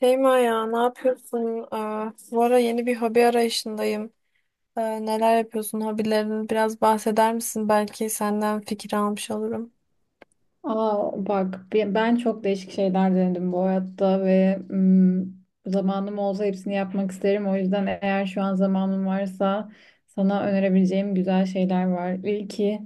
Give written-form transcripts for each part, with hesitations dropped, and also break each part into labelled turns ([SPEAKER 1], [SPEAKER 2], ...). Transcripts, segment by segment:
[SPEAKER 1] Şeyma ya ne yapıyorsun? Aa, bu ara yeni bir hobi arayışındayım. Neler yapıyorsun? Hobilerini biraz bahseder misin? Belki senden fikir almış olurum.
[SPEAKER 2] Aa, bak ben çok değişik şeyler denedim bu hayatta ve zamanım olsa hepsini yapmak isterim. O yüzden eğer şu an zamanım varsa sana önerebileceğim güzel şeyler var. İlki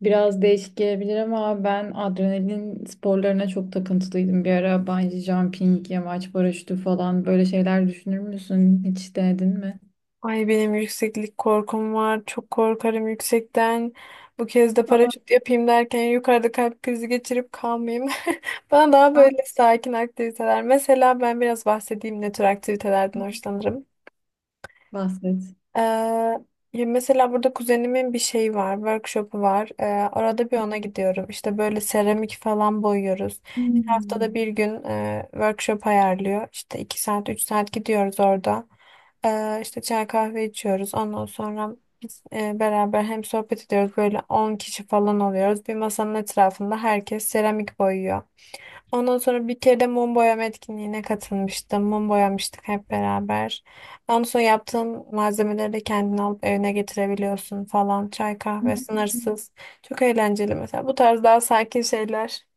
[SPEAKER 2] biraz değişik gelebilir ama ben adrenalin sporlarına çok takıntılıydım bir ara. Bungee jumping, yamaç paraşütü falan böyle şeyler düşünür müsün? Hiç denedin mi?
[SPEAKER 1] Ay benim yükseklik korkum var. Çok korkarım yüksekten. Bu kez de paraşüt yapayım derken yukarıda kalp krizi geçirip kalmayayım. Bana daha
[SPEAKER 2] Aa,
[SPEAKER 1] böyle sakin aktiviteler. Mesela ben biraz bahsedeyim ne tür aktivitelerden hoşlanırım.
[SPEAKER 2] bahset.
[SPEAKER 1] Ee, ya mesela burada kuzenimin bir şeyi var, workshop'u var. Orada bir ona gidiyorum. İşte böyle seramik falan boyuyoruz. İşte haftada
[SPEAKER 2] Hmm.
[SPEAKER 1] bir gün workshop ayarlıyor. İşte 2 saat, 3 saat gidiyoruz orada. İşte çay kahve içiyoruz. Ondan sonra biz beraber hem sohbet ediyoruz. Böyle 10 kişi falan oluyoruz. Bir masanın etrafında herkes seramik boyuyor. Ondan sonra bir kere de mum boyama etkinliğine katılmıştım. Mum boyamıştık hep beraber. Ondan sonra yaptığın malzemeleri de kendin alıp evine getirebiliyorsun falan. Çay kahve sınırsız. Çok eğlenceli mesela. Bu tarz daha sakin şeyler.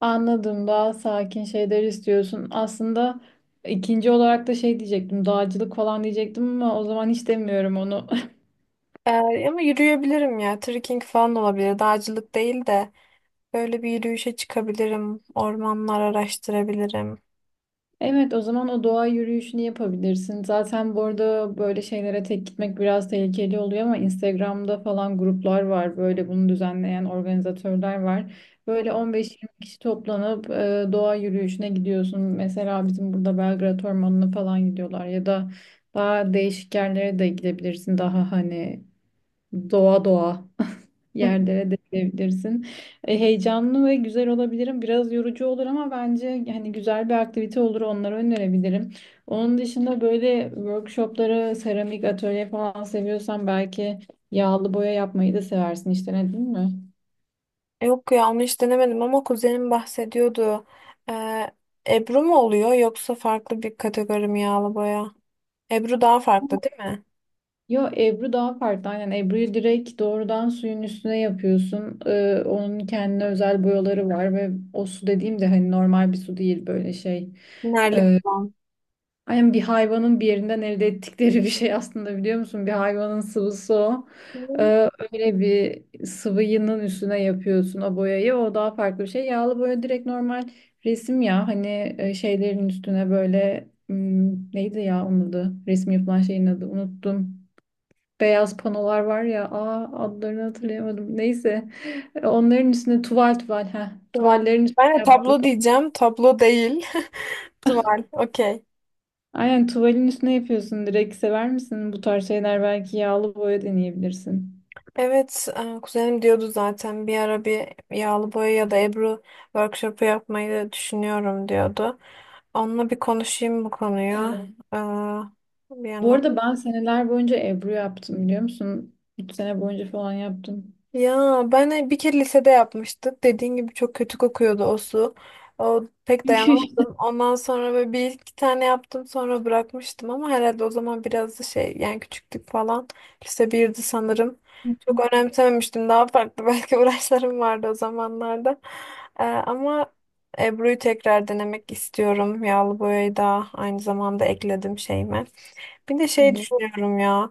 [SPEAKER 2] Anladım. Daha sakin şeyler istiyorsun. Aslında ikinci olarak da şey diyecektim. Dağcılık falan diyecektim ama o zaman hiç demiyorum onu.
[SPEAKER 1] Ee, ama yürüyebilirim ya. Trekking falan olabilir. Dağcılık değil de böyle bir yürüyüşe çıkabilirim. Ormanlar araştırabilirim.
[SPEAKER 2] Evet, o zaman o doğa yürüyüşünü yapabilirsin. Zaten bu arada böyle şeylere tek gitmek biraz tehlikeli oluyor ama Instagram'da falan gruplar var. Böyle bunu düzenleyen organizatörler var. Böyle 15-20 kişi toplanıp doğa yürüyüşüne gidiyorsun. Mesela bizim burada Belgrad Ormanı'na falan gidiyorlar ya da daha değişik yerlere de gidebilirsin. Daha hani doğa doğa yerlere dökülebilirsin. E, heyecanlı ve güzel olabilirim. Biraz yorucu olur ama bence hani güzel bir aktivite olur. Onları önerebilirim. Onun dışında böyle workshopları, seramik atölye falan seviyorsan belki yağlı boya yapmayı da seversin. İşte ne değil mi?
[SPEAKER 1] Yok ya onu hiç denemedim ama kuzenim bahsediyordu. Ee, Ebru mu oluyor yoksa farklı bir kategori mi yağlı boya? Ebru daha farklı değil mi?
[SPEAKER 2] Yo Ebru daha farklı. Aynen Ebru'yu direkt doğrudan suyun üstüne yapıyorsun. E, onun kendine özel boyaları var ve o su dediğim de hani normal bir su değil böyle şey.
[SPEAKER 1] Nerli falan.
[SPEAKER 2] Aynen bir hayvanın bir yerinden elde ettikleri bir şey aslında biliyor musun? Bir hayvanın sıvısı o.
[SPEAKER 1] Hı,
[SPEAKER 2] Öyle bir sıvının üstüne yapıyorsun o boyayı. O daha farklı bir şey. Yağlı boya direkt normal resim ya. Hani şeylerin üstüne böyle neydi ya onun adı? Resim yapılan şeyin adı unuttum. Beyaz panolar var ya. Aa, adlarını hatırlayamadım. Neyse. Onların üstüne tuval tuval. Heh,
[SPEAKER 1] tuval.
[SPEAKER 2] tuvallerin üstüne
[SPEAKER 1] Ben de
[SPEAKER 2] yaptığın
[SPEAKER 1] tablo diyeceğim. Tablo değil. Tuval. Okey.
[SPEAKER 2] aynen tuvalin üstüne yapıyorsun. Direkt sever misin? Bu tarz şeyler belki yağlı boya deneyebilirsin.
[SPEAKER 1] Evet, kuzenim diyordu zaten bir ara bir yağlı boya ya da Ebru workshopu yapmayı düşünüyorum diyordu. Onunla bir konuşayım bu konuyu. Hı. Bir
[SPEAKER 2] Bu
[SPEAKER 1] yandan
[SPEAKER 2] arada ben seneler boyunca ebru yaptım biliyor musun? 3 sene boyunca falan yaptım.
[SPEAKER 1] ya ben bir kere lisede yapmıştık. Dediğin gibi çok kötü kokuyordu o su. O pek dayanamadım. Ondan sonra böyle bir iki tane yaptım sonra bırakmıştım ama herhalde o zaman biraz da şey yani küçüktük falan. Lise birdi sanırım. Çok önemsememiştim. Daha farklı belki uğraşlarım vardı o zamanlarda. Ama Ebru'yu tekrar denemek istiyorum. Yağlı boyayı da aynı zamanda ekledim şeyime. Bir de şey
[SPEAKER 2] Bu
[SPEAKER 1] düşünüyorum ya.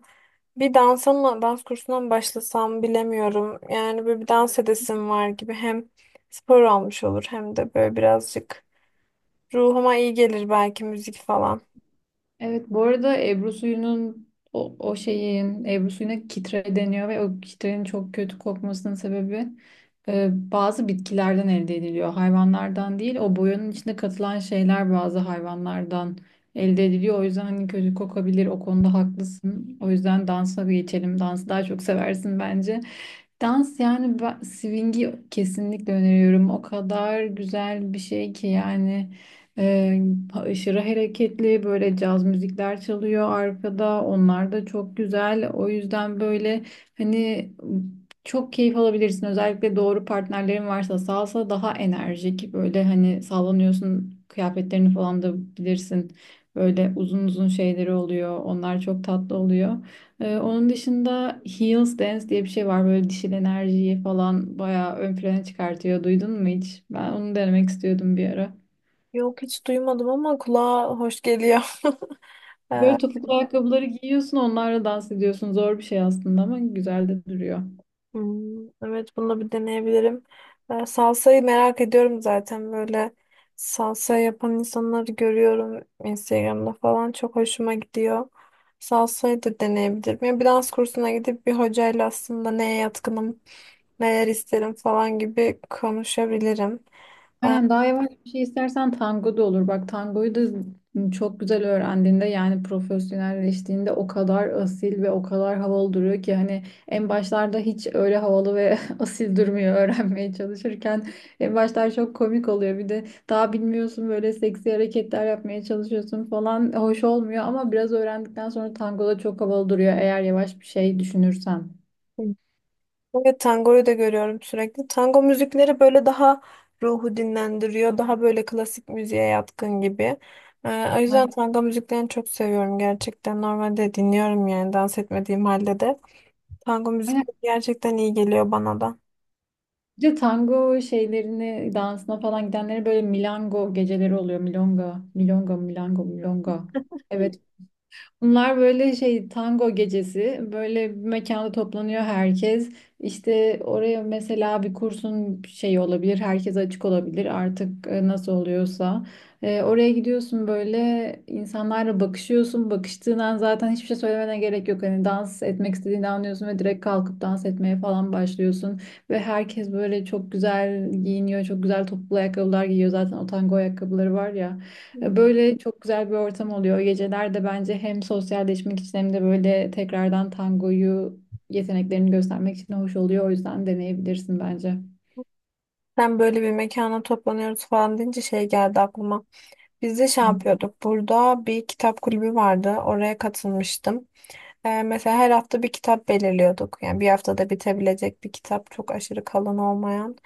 [SPEAKER 1] Bir dansa mı, dans kursuna mı başlasam bilemiyorum. Yani böyle bir dans edesim var gibi. Hem spor olmuş olur hem de böyle birazcık ruhuma iyi gelir belki müzik falan.
[SPEAKER 2] Evet, bu arada Ebru suyunun o şeyin Ebru suyuna kitre deniyor ve o kitrenin çok kötü kokmasının sebebi bazı bitkilerden elde ediliyor. Hayvanlardan değil, o boyanın içinde katılan şeyler bazı hayvanlardan elde ediliyor. O yüzden hani kötü kokabilir, o konuda haklısın. O yüzden dansa bir geçelim. Dansı daha çok seversin bence. Dans yani ben, swing'i kesinlikle öneriyorum. O kadar güzel bir şey ki yani. Ee, aşırı hareketli böyle caz müzikler çalıyor arkada. Onlar da çok güzel. O yüzden böyle hani çok keyif alabilirsin. Özellikle doğru partnerlerin varsa salsa daha enerjik. Böyle hani sallanıyorsun, kıyafetlerini falan da bilirsin. Böyle uzun uzun şeyleri oluyor. Onlar çok tatlı oluyor. Onun dışında Heels Dance diye bir şey var. Böyle dişil enerjiyi falan bayağı ön plana çıkartıyor. Duydun mu hiç? Ben onu denemek istiyordum bir ara.
[SPEAKER 1] Yok hiç duymadım ama kulağa hoş geliyor.
[SPEAKER 2] Böyle
[SPEAKER 1] Ee,
[SPEAKER 2] topuklu ayakkabıları giyiyorsun, onlarla dans ediyorsun. Zor bir şey aslında ama güzel de duruyor.
[SPEAKER 1] Hmm, evet bunu bir deneyebilirim. Salsayı merak ediyorum zaten böyle salsa yapan insanları görüyorum Instagram'da falan çok hoşuma gidiyor. Salsayı da deneyebilirim. Yani bir dans kursuna gidip bir hocayla aslında neye yatkınım, neler isterim falan gibi konuşabilirim.
[SPEAKER 2] Aynen, daha yavaş bir şey istersen tango da olur. Bak tangoyu da çok güzel öğrendiğinde yani profesyonelleştiğinde o kadar asil ve o kadar havalı duruyor ki hani en başlarda hiç öyle havalı ve asil durmuyor öğrenmeye çalışırken. En başlar çok komik oluyor. Bir de daha bilmiyorsun, böyle seksi hareketler yapmaya çalışıyorsun falan, hoş olmuyor ama biraz öğrendikten sonra tango da çok havalı duruyor eğer yavaş bir şey düşünürsen.
[SPEAKER 1] Evet tangoyu da görüyorum sürekli. Tango müzikleri böyle daha ruhu dinlendiriyor. Daha böyle klasik müziğe yatkın gibi. O yüzden
[SPEAKER 2] Aynen.
[SPEAKER 1] tango müziklerini çok seviyorum gerçekten. Normalde dinliyorum yani dans etmediğim halde de. Tango müzik
[SPEAKER 2] Aynen.
[SPEAKER 1] gerçekten iyi geliyor bana da.
[SPEAKER 2] Bir de tango şeylerini dansına falan gidenlere böyle milango geceleri oluyor. Milonga, milonga, milango, milonga. Evet, bunlar böyle şey tango gecesi. Böyle bir mekanda toplanıyor herkes. İşte oraya mesela bir kursun şeyi olabilir. Herkes açık olabilir artık nasıl oluyorsa. E, oraya gidiyorsun böyle insanlarla bakışıyorsun. Bakıştığın an zaten hiçbir şey söylemene gerek yok. Hani dans etmek istediğini anlıyorsun ve direkt kalkıp dans etmeye falan başlıyorsun. Ve herkes böyle çok güzel giyiniyor. Çok güzel topuklu ayakkabılar giyiyor. Zaten o tango ayakkabıları var ya.
[SPEAKER 1] Hı.
[SPEAKER 2] Böyle çok güzel bir ortam oluyor. Geceler de bence hem sosyalleşmek için hem de böyle tekrardan tangoyu yeteneklerini göstermek için hoş oluyor. O yüzden deneyebilirsin bence.
[SPEAKER 1] Sen böyle bir mekana toplanıyoruz falan deyince şey geldi aklıma. Biz de şey yapıyorduk. Burada bir kitap kulübü vardı. Oraya katılmıştım. Mesela her hafta bir kitap belirliyorduk. Yani bir haftada bitebilecek bir kitap, çok aşırı kalın olmayan.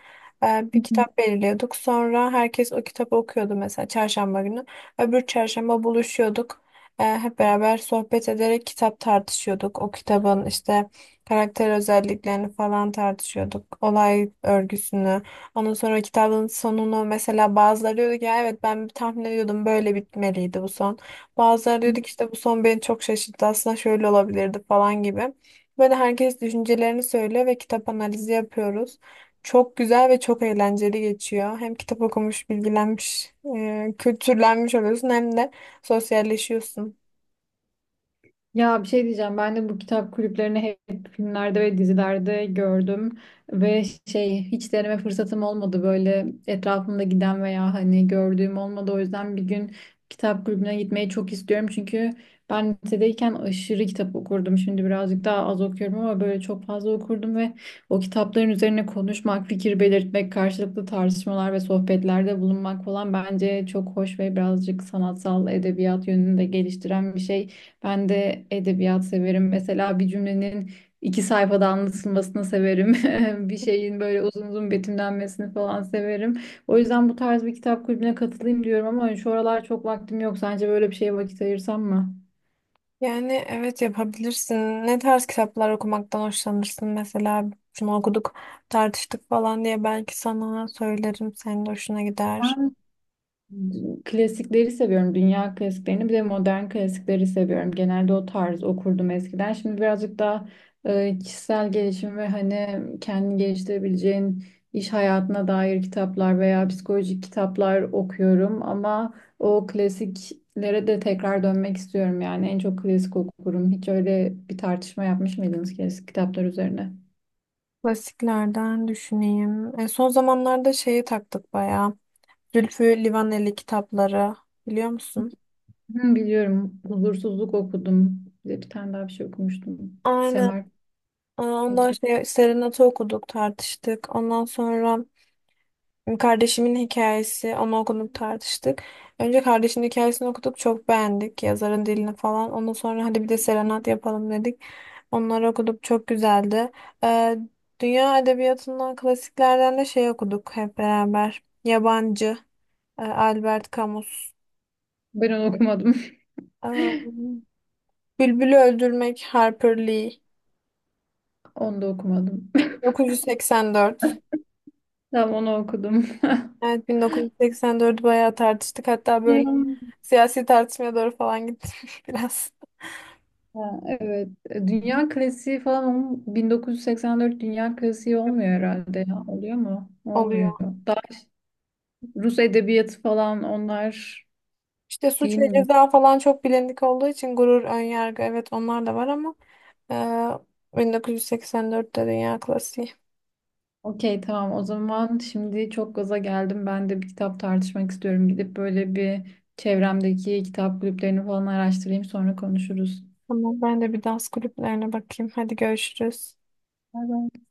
[SPEAKER 1] Bir
[SPEAKER 2] Hı,
[SPEAKER 1] kitap belirliyorduk. Sonra herkes o kitabı okuyordu mesela çarşamba günü. Öbür çarşamba buluşuyorduk. Hep beraber sohbet ederek kitap tartışıyorduk. O kitabın işte karakter özelliklerini falan tartışıyorduk. Olay örgüsünü. Ondan sonra kitabın sonunu mesela bazıları diyordu ki "Ya evet ben tahmin ediyordum böyle bitmeliydi bu son." Bazıları dedik işte bu son beni çok şaşırttı aslında şöyle olabilirdi falan gibi. Böyle herkes düşüncelerini söylüyor ve kitap analizi yapıyoruz. Çok güzel ve çok eğlenceli geçiyor. Hem kitap okumuş, bilgilenmiş, kültürlenmiş oluyorsun hem de sosyalleşiyorsun.
[SPEAKER 2] ya bir şey diyeceğim. Ben de bu kitap kulüplerini hep filmlerde ve dizilerde gördüm ve şey hiç deneme fırsatım olmadı. Böyle etrafımda giden veya hani gördüğüm olmadı. O yüzden bir gün kitap kulübüne gitmeyi çok istiyorum. Çünkü ben lisedeyken aşırı kitap okurdum. Şimdi birazcık daha az okuyorum ama böyle çok fazla okurdum ve o kitapların üzerine konuşmak, fikir belirtmek, karşılıklı tartışmalar ve sohbetlerde bulunmak falan bence çok hoş ve birazcık sanatsal edebiyat yönünü de geliştiren bir şey. Ben de edebiyat severim. Mesela bir cümlenin 2 sayfada anlatılmasını severim. Bir şeyin böyle uzun uzun betimlenmesini falan severim. O yüzden bu tarz bir kitap kulübüne katılayım diyorum ama şu aralar çok vaktim yok. Sence böyle bir şeye vakit ayırsam mı?
[SPEAKER 1] Yani evet yapabilirsin. Ne tarz kitaplar okumaktan hoşlanırsın? Mesela şunu okuduk, tartıştık falan diye belki sana söylerim. Senin de hoşuna gider.
[SPEAKER 2] Klasikleri seviyorum. Dünya klasiklerini bir de modern klasikleri seviyorum. Genelde o tarz okurdum eskiden. Şimdi birazcık daha kişisel gelişim ve hani kendini geliştirebileceğin iş hayatına dair kitaplar veya psikolojik kitaplar okuyorum. Ama o klasiklere de tekrar dönmek istiyorum. Yani en çok klasik okurum. Hiç öyle bir tartışma yapmış mıydınız klasik kitaplar üzerine?
[SPEAKER 1] Klasiklerden düşüneyim. Son zamanlarda şeyi taktık bayağı. Zülfü Livaneli kitapları biliyor musun?
[SPEAKER 2] Hı, biliyorum. Huzursuzluk okudum. Bir de bir tane daha bir şey okumuştum.
[SPEAKER 1] Aynen.
[SPEAKER 2] Semer.
[SPEAKER 1] Aa, ondan şey Serenat'ı okuduk, tartıştık. Ondan sonra kardeşimin hikayesi, onu okuduk, tartıştık. Önce kardeşimin hikayesini okuduk, çok beğendik yazarın dilini falan. Ondan sonra hadi bir de Serenat yapalım dedik. Onları okuduk, çok güzeldi. Ee, dünya edebiyatından, klasiklerden de şey okuduk hep beraber. Yabancı, Albert Camus.
[SPEAKER 2] Ben onu okumadım.
[SPEAKER 1] Ee, Bülbül'ü Öldürmek, Harper Lee.
[SPEAKER 2] Onu da okumadım.
[SPEAKER 1] 1984.
[SPEAKER 2] Tamam, onu okudum.
[SPEAKER 1] Evet 1984'ü bayağı tartıştık. Hatta
[SPEAKER 2] Ne
[SPEAKER 1] böyle
[SPEAKER 2] o?
[SPEAKER 1] siyasi tartışmaya doğru falan gittim biraz.
[SPEAKER 2] Ha, evet. E, dünya klasiği falan 1984 dünya klasiği olmuyor herhalde ya. Oluyor mu? Olmuyor.
[SPEAKER 1] Oluyor.
[SPEAKER 2] Daha Rus edebiyatı falan onlar,
[SPEAKER 1] İşte suç
[SPEAKER 2] değil
[SPEAKER 1] ve
[SPEAKER 2] mi?
[SPEAKER 1] ceza falan çok bilindik olduğu için gurur, önyargı evet onlar da var ama 1984'te dünya klasiği.
[SPEAKER 2] Okey, tamam, o zaman şimdi çok gaza geldim. Ben de bir kitap tartışmak istiyorum. Gidip böyle bir çevremdeki kitap kulüplerini falan araştırayım, sonra konuşuruz.
[SPEAKER 1] Tamam ben de bir dans kulüplerine bakayım. Hadi görüşürüz.
[SPEAKER 2] Bay bay.